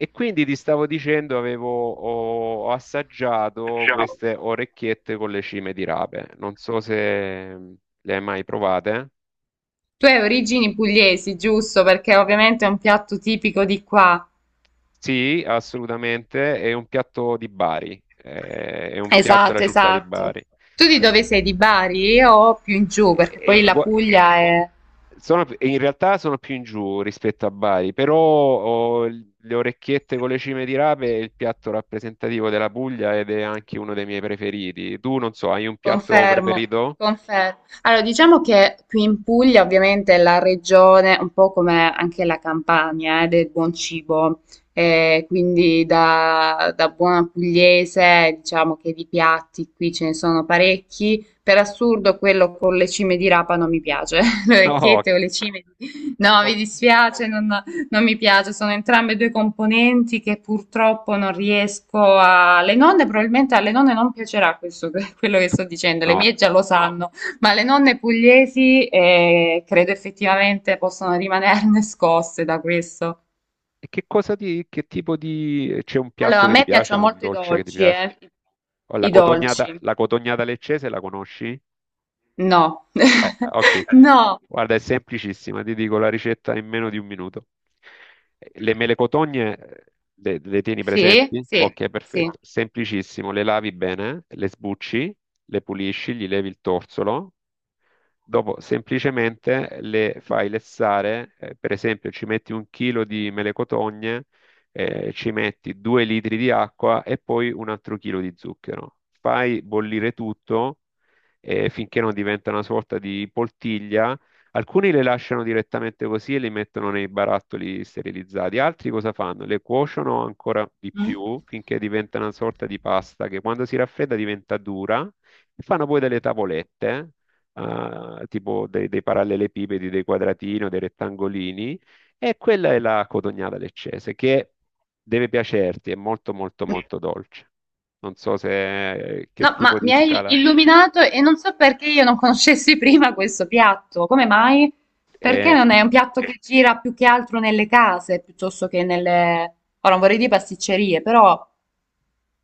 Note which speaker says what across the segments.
Speaker 1: E quindi ti stavo dicendo, ho assaggiato queste orecchiette con le cime di rape. Non so se le hai mai provate.
Speaker 2: Tu hai origini pugliesi, giusto? Perché ovviamente è un piatto tipico di qua.
Speaker 1: Sì, assolutamente. È un piatto di Bari. È un piatto della
Speaker 2: Esatto,
Speaker 1: città di
Speaker 2: esatto.
Speaker 1: Bari.
Speaker 2: Tu di
Speaker 1: E-
Speaker 2: dove sei? Di Bari o più in giù? Perché
Speaker 1: e-
Speaker 2: poi
Speaker 1: e
Speaker 2: la
Speaker 1: gua-
Speaker 2: Puglia è...
Speaker 1: in realtà sono più in giù rispetto a Bari, però le orecchiette con le cime di rape è il piatto rappresentativo della Puglia ed è anche uno dei miei preferiti. Tu non so, hai un piatto
Speaker 2: Confermo,
Speaker 1: preferito?
Speaker 2: confer Allora, diciamo che qui in Puglia ovviamente è la regione, un po' come anche la Campania, del buon cibo. Quindi da buona pugliese diciamo che di piatti qui ce ne sono parecchi. Per assurdo quello con le cime di rapa non mi piace, le
Speaker 1: No.
Speaker 2: orecchiette o le cime di... No, mi
Speaker 1: Ok.
Speaker 2: dispiace, non mi piace, sono entrambe due componenti che purtroppo non riesco a... Le nonne, probabilmente alle nonne non piacerà questo, quello che sto dicendo, le
Speaker 1: No.
Speaker 2: mie già lo sanno, ma le nonne pugliesi credo effettivamente possono rimanerne scosse da questo.
Speaker 1: E che cosa ti, che tipo di... C'è un
Speaker 2: Allora,
Speaker 1: piatto
Speaker 2: a
Speaker 1: che ti
Speaker 2: me
Speaker 1: piace,
Speaker 2: piacciono
Speaker 1: un
Speaker 2: molto i
Speaker 1: dolce che ti
Speaker 2: dolci,
Speaker 1: piace?
Speaker 2: eh.
Speaker 1: Oh, La
Speaker 2: I
Speaker 1: cotognata,
Speaker 2: dolci.
Speaker 1: la cotognata leccese la conosci?
Speaker 2: No.
Speaker 1: Ok.
Speaker 2: No.
Speaker 1: Guarda, è semplicissima, ti dico la ricetta in meno di un minuto. Le mele cotogne le tieni
Speaker 2: Sì,
Speaker 1: presenti?
Speaker 2: sì,
Speaker 1: Ok,
Speaker 2: sì.
Speaker 1: perfetto. Semplicissimo, le lavi bene, le sbucci, le pulisci, gli levi il torsolo. Dopo semplicemente le fai lessare, per esempio ci metti un chilo di mele cotogne, ci metti 2 litri di acqua e poi un altro chilo di zucchero. Fai bollire tutto finché non diventa una sorta di poltiglia. Alcuni le lasciano direttamente così e li mettono nei barattoli sterilizzati, altri cosa fanno? Le cuociono ancora di
Speaker 2: Mm?
Speaker 1: più finché diventa una sorta di pasta che quando si raffredda diventa dura e fanno poi delle tavolette, tipo dei parallelepipedi, dei quadratini o dei rettangolini, e quella è la cotognata leccese, che deve piacerti, è molto molto molto dolce. Non so se che
Speaker 2: No,
Speaker 1: tipo
Speaker 2: ma
Speaker 1: di
Speaker 2: mi hai
Speaker 1: scala
Speaker 2: illuminato e non so perché io non conoscessi prima questo piatto. Come mai? Perché
Speaker 1: è.
Speaker 2: non è un piatto che gira più che altro nelle case piuttosto che nelle... Ora non vorrei dire pasticcerie, però...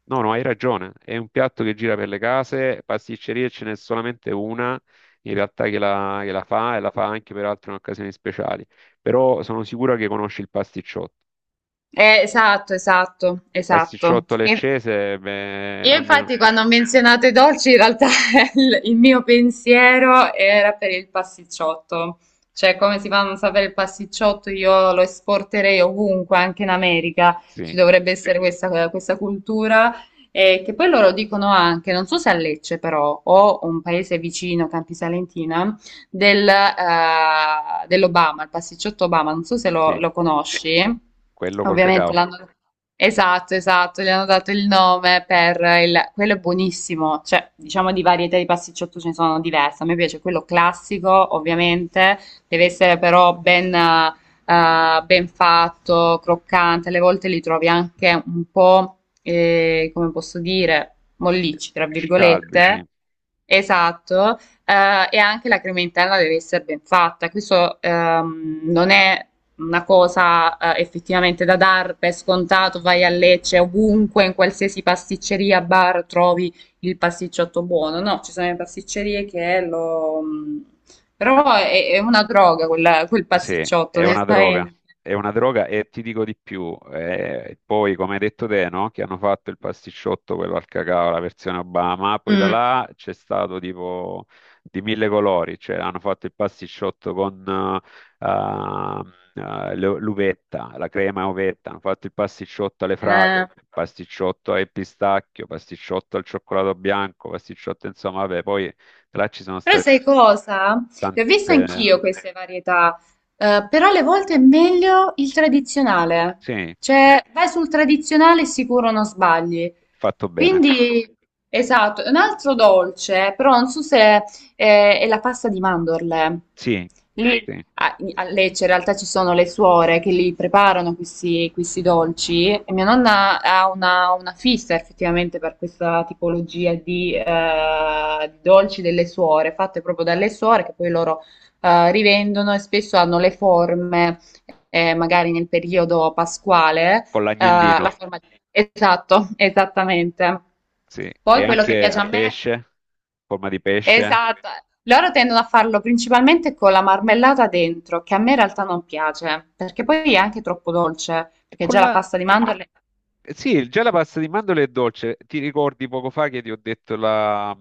Speaker 1: No, no, hai ragione. È un piatto che gira per le case, pasticcerie ce n'è solamente una in realtà che la fa e la fa anche per altre occasioni speciali. Però sono sicuro che conosci il pasticciotto.
Speaker 2: Esatto, esatto,
Speaker 1: Il
Speaker 2: esatto.
Speaker 1: pasticciotto
Speaker 2: E-
Speaker 1: leccese, beh,
Speaker 2: Io
Speaker 1: almeno
Speaker 2: infatti quando ho menzionato i dolci, in realtà il mio pensiero era per il pasticciotto. Cioè, come si fa a non sapere il pasticciotto? Io lo esporterei ovunque, anche in America.
Speaker 1: sì,
Speaker 2: Ci dovrebbe essere questa cultura. Che poi loro dicono anche, non so se a Lecce però, o un paese vicino, Campi Salentina, dell'Obama, il pasticciotto Obama, non so se
Speaker 1: sì.
Speaker 2: lo conosci.
Speaker 1: Quello col
Speaker 2: Ovviamente
Speaker 1: cacao.
Speaker 2: l'hanno... Esatto, esatto, gli hanno dato il nome per il... quello è buonissimo, cioè diciamo di varietà di pasticciotto ce ne sono diverse, a me piace quello classico ovviamente, deve essere però ben fatto, croccante, alle volte li trovi anche un po', come posso dire, mollicci, tra
Speaker 1: Scialbi, sì.
Speaker 2: virgolette. Esatto, e anche la crema interna deve essere ben fatta. Questo Non è una cosa effettivamente da dar per scontato. Vai a Lecce, ovunque, in qualsiasi pasticceria, bar, trovi il pasticciotto buono. No, ci sono le pasticcerie che lo... Però è una droga quella- quel
Speaker 1: Sì,
Speaker 2: pasticciotto,
Speaker 1: è una droga.
Speaker 2: onestamente.
Speaker 1: È una droga e ti dico di più. Poi, come hai detto te, no? Che hanno fatto il pasticciotto, quello al cacao, la versione Obama. Poi da
Speaker 2: Mm.
Speaker 1: là c'è stato tipo di mille colori. Cioè, hanno fatto il pasticciotto con eh, l'uvetta, la crema uvetta. Hanno fatto il pasticciotto alle fragole,
Speaker 2: Eh.
Speaker 1: il pasticciotto al pistacchio, pasticciotto al cioccolato bianco, pasticciotto, insomma, vabbè, poi... Là ci sono
Speaker 2: Però
Speaker 1: stati
Speaker 2: sai cosa? Le ho viste
Speaker 1: tante...
Speaker 2: anch'io queste varietà, però alle volte è meglio il tradizionale.
Speaker 1: Sì,
Speaker 2: Cioè, vai sul tradizionale sicuro non sbagli.
Speaker 1: fatto bene.
Speaker 2: Quindi, esatto, un altro dolce, però non so se è la pasta di mandorle.
Speaker 1: Sì,
Speaker 2: Lì
Speaker 1: sì,
Speaker 2: a Lecce in realtà ci sono le suore che li preparano questi dolci e mia nonna ha una fissa effettivamente per questa tipologia di dolci delle suore, fatte proprio dalle suore che poi loro rivendono e spesso hanno le forme, magari nel periodo pasquale,
Speaker 1: con
Speaker 2: la
Speaker 1: l'agnellino,
Speaker 2: forma di... Esatto, esattamente.
Speaker 1: sì. E
Speaker 2: Poi quello che
Speaker 1: anche
Speaker 2: piace
Speaker 1: a
Speaker 2: a me
Speaker 1: pesce, forma di pesce.
Speaker 2: Esatto, loro tendono a farlo principalmente con la marmellata dentro, che a me in realtà non piace, perché poi è anche troppo dolce,
Speaker 1: E
Speaker 2: perché
Speaker 1: con
Speaker 2: già la
Speaker 1: la...
Speaker 2: pasta di mandorle...
Speaker 1: Sì, già la pasta di mandorle è dolce. Ti ricordi poco fa che ti ho detto la,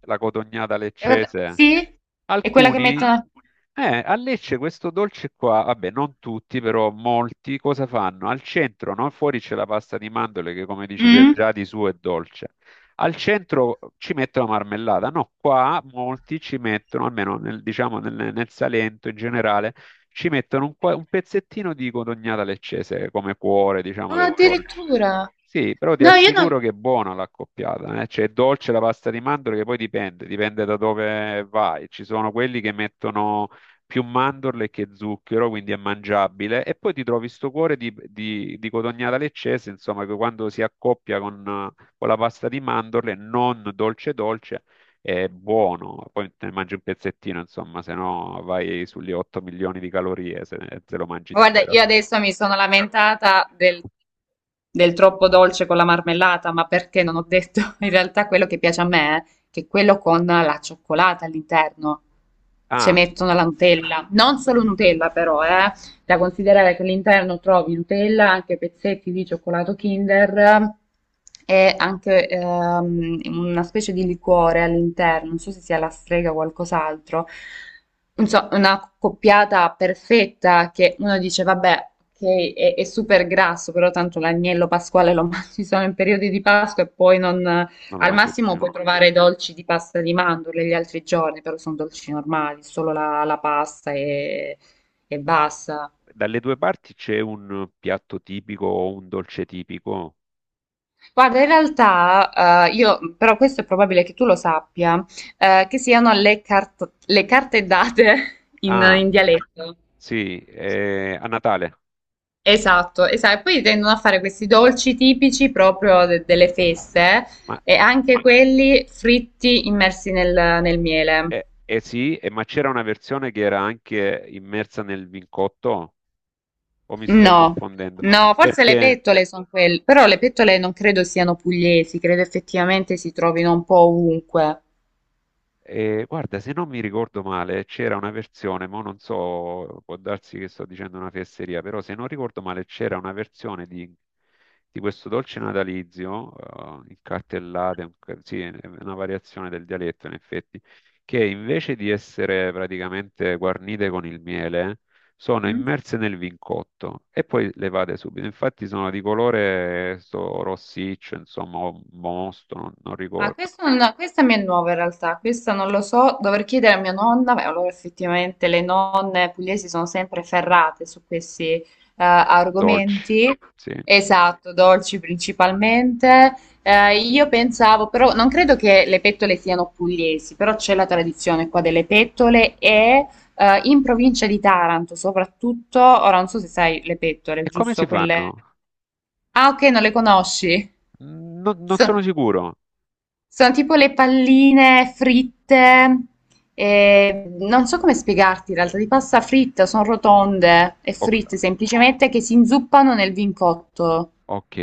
Speaker 1: la cotognata
Speaker 2: Eh,
Speaker 1: leccese?
Speaker 2: sì, è quella che
Speaker 1: Alcuni
Speaker 2: mettono...
Speaker 1: A Lecce questo dolce qua, vabbè, non tutti, però molti cosa fanno? Al centro, no? Fuori c'è la pasta di mandorle che, come dici te,
Speaker 2: Mm?
Speaker 1: già di suo è dolce. Al centro ci mettono marmellata. No, qua molti ci mettono, almeno diciamo nel Salento in generale, ci mettono un pezzettino di codognata leccese come cuore, diciamo,
Speaker 2: Ah,
Speaker 1: del dolce.
Speaker 2: addirittura.
Speaker 1: Sì, però ti
Speaker 2: No, io
Speaker 1: assicuro
Speaker 2: non...
Speaker 1: che è buona l'accoppiata, eh? Cioè, è dolce la pasta di mandorle che poi dipende da dove vai. Ci sono quelli che mettono più mandorle che zucchero, quindi è mangiabile, e poi ti trovi sto cuore di codognata leccese, insomma, che quando si accoppia con la pasta di mandorle, non dolce dolce, è buono. Poi te ne mangi un pezzettino, insomma, se no vai sugli 8 milioni di calorie, se lo mangi
Speaker 2: Guarda,
Speaker 1: intero.
Speaker 2: io adesso mi sono lamentata del troppo dolce con la marmellata, ma perché non ho detto in realtà quello che piace a me, che è quello con la cioccolata all'interno. Ci
Speaker 1: Ah,
Speaker 2: mettono la Nutella, non solo Nutella però, eh. Da considerare che all'interno trovi Nutella, anche pezzetti di cioccolato Kinder, e anche una specie di liquore all'interno, non so se sia la strega o qualcos'altro. Insomma, una coppiata perfetta che uno dice, vabbè, è super grasso, però tanto l'agnello pasquale lo mangi solo in periodi di Pasqua e poi non,
Speaker 1: non lo
Speaker 2: al
Speaker 1: mangi
Speaker 2: massimo
Speaker 1: più.
Speaker 2: puoi trovare dolci di pasta di mandorle gli altri giorni, però sono dolci normali, solo la pasta e basta.
Speaker 1: Dalle due parti c'è un piatto tipico o un dolce tipico?
Speaker 2: Guarda, in realtà, io, però questo è probabile che tu lo sappia, che siano le, cart- le carte date
Speaker 1: Ah,
Speaker 2: in dialetto.
Speaker 1: sì, a Natale.
Speaker 2: Esatto, esatto. E poi tendono a fare questi dolci tipici proprio de- delle feste
Speaker 1: Ma,
Speaker 2: e anche quelli fritti immersi nel, nel miele.
Speaker 1: eh sì, ma c'era una versione che era anche immersa nel vincotto, o mi sto
Speaker 2: No,
Speaker 1: confondendo?
Speaker 2: no, forse le
Speaker 1: Perché
Speaker 2: pettole sono quelle, però le pettole non credo siano pugliesi, credo effettivamente si trovino un po' ovunque.
Speaker 1: E, guarda, se non mi ricordo male, c'era una versione, ma non so, può darsi che sto dicendo una fesseria, però se non ricordo male c'era una versione di questo dolce natalizio, il cartellate, sì, è una variazione del dialetto in effetti, che invece di essere praticamente guarnite con il miele, sono
Speaker 2: Mm?
Speaker 1: immerse nel vincotto e poi levate subito. Infatti sono di colore sto rossiccio, insomma, o mosto, non
Speaker 2: Ah,
Speaker 1: ricordo,
Speaker 2: questo non- no, questa mi è nuova in realtà, questa non lo so, dovrei chiedere a mia nonna. Beh, allora effettivamente le nonne pugliesi sono sempre ferrate su questi
Speaker 1: dolci,
Speaker 2: argomenti,
Speaker 1: sì.
Speaker 2: esatto, dolci principalmente. Io pensavo, però non credo che le pettole siano pugliesi, però c'è la tradizione qua delle pettole e in provincia di Taranto soprattutto. Ora non so se sai le pettole,
Speaker 1: E come si
Speaker 2: giusto?
Speaker 1: fanno?
Speaker 2: Quelle... Ah, ok, non le conosci.
Speaker 1: Non
Speaker 2: So-
Speaker 1: sono sicuro.
Speaker 2: sono tipo le palline fritte, non so come spiegarti in realtà, di pasta fritta, sono rotonde e fritte
Speaker 1: O-
Speaker 2: semplicemente che si inzuppano nel vin cotto.
Speaker 1: ok,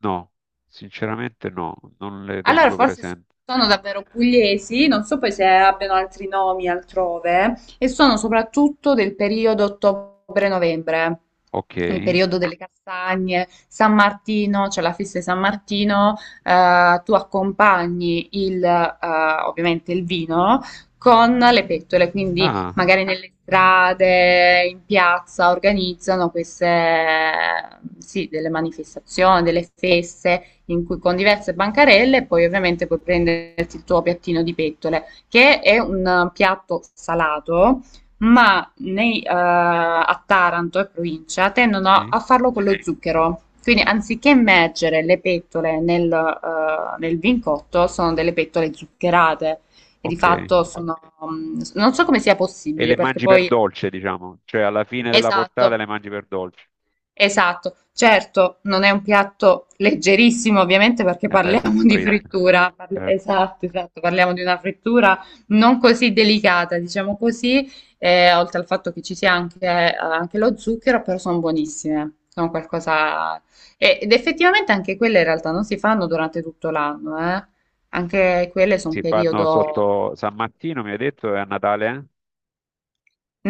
Speaker 1: no, sinceramente no, non le
Speaker 2: Allora,
Speaker 1: tengo
Speaker 2: forse
Speaker 1: presenti.
Speaker 2: sono davvero pugliesi, non so poi se abbiano altri nomi altrove, e sono soprattutto del periodo ottobre-novembre,
Speaker 1: Ok,
Speaker 2: il periodo delle castagne, San Martino, c'è la festa di San Martino, tu accompagni ovviamente il vino con le pettole, quindi
Speaker 1: ah,
Speaker 2: magari nelle strade, in piazza organizzano queste, sì, delle manifestazioni, delle feste in cui con diverse bancarelle e poi ovviamente puoi prenderti il tuo piattino di pettole, che è un piatto salato, ma nei, a Taranto e provincia tendono
Speaker 1: sì,
Speaker 2: a farlo con lo zucchero. Quindi anziché immergere le pettole nel, nel vincotto, sono delle pettole zuccherate e di
Speaker 1: ok.
Speaker 2: fatto sono, non so come sia
Speaker 1: E
Speaker 2: possibile
Speaker 1: le
Speaker 2: perché
Speaker 1: mangi per
Speaker 2: poi...
Speaker 1: dolce, diciamo, cioè alla fine della portata
Speaker 2: Esatto.
Speaker 1: le mangi per dolce.
Speaker 2: Esatto, certo, non è un piatto leggerissimo ovviamente perché
Speaker 1: E beh, sono
Speaker 2: parliamo di
Speaker 1: fritte.
Speaker 2: frittura, parli-
Speaker 1: Eh,
Speaker 2: esatto, esatto, parliamo di una frittura non così delicata, diciamo così, oltre al fatto che ci sia anche, anche lo zucchero, però sono buonissime, sono qualcosa... e- Ed effettivamente anche quelle in realtà non si fanno durante tutto l'anno, eh. Anche quelle sono un
Speaker 1: Si fanno
Speaker 2: periodo...
Speaker 1: sotto San Martino, mi hai detto, e a Natale? Eh?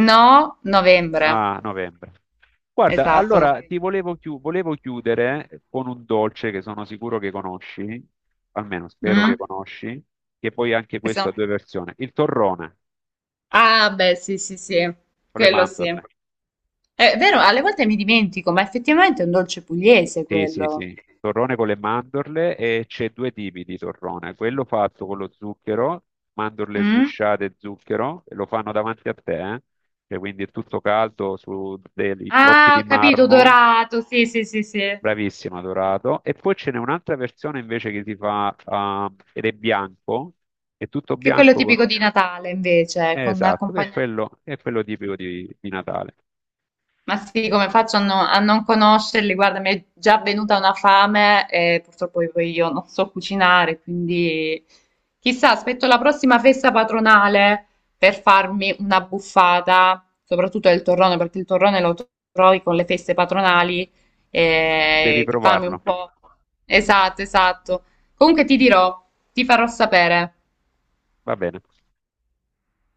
Speaker 2: No, novembre,
Speaker 1: A novembre. Guarda,
Speaker 2: esatto,
Speaker 1: allora
Speaker 2: novembre.
Speaker 1: volevo chiudere con un dolce che sono sicuro che conosci, almeno spero
Speaker 2: Mm?
Speaker 1: che conosci, che poi anche questo ha due versioni. Il torrone
Speaker 2: Ah, beh, sì, sì, sì,
Speaker 1: con le
Speaker 2: quello sì.
Speaker 1: mandorle.
Speaker 2: È vero, alle volte mi dimentico, ma effettivamente è un dolce pugliese
Speaker 1: Sì, sì,
Speaker 2: quello.
Speaker 1: sì. Torrone con le mandorle e c'è due tipi di torrone. Quello fatto con lo zucchero, mandorle
Speaker 2: Mm?
Speaker 1: sgusciate e zucchero, e lo fanno davanti a te, eh. Cioè, quindi è tutto caldo su dei blocchi
Speaker 2: Ah,
Speaker 1: di
Speaker 2: ho capito,
Speaker 1: marmo.
Speaker 2: dorato, sì, sì, sì, sì. Che
Speaker 1: Bravissimo, dorato. E poi ce n'è un'altra versione invece che si ed è bianco, è tutto
Speaker 2: è quello
Speaker 1: bianco.
Speaker 2: tipico di Natale, invece, con
Speaker 1: Esatto, che è
Speaker 2: accompagnato
Speaker 1: quello, è quello tipico di Natale.
Speaker 2: Ma sì, come faccio no- a non conoscerli? Guarda, mi è già venuta una fame e purtroppo poi io non so cucinare, quindi chissà, aspetto la prossima festa patronale per farmi una buffata, soprattutto del torrone, perché il torrone lo trovi con le feste patronali,
Speaker 1: Devi
Speaker 2: e di farmi un
Speaker 1: provarlo.
Speaker 2: po'. Esatto, esatto. Comunque ti dirò, ti farò sapere.
Speaker 1: Va bene.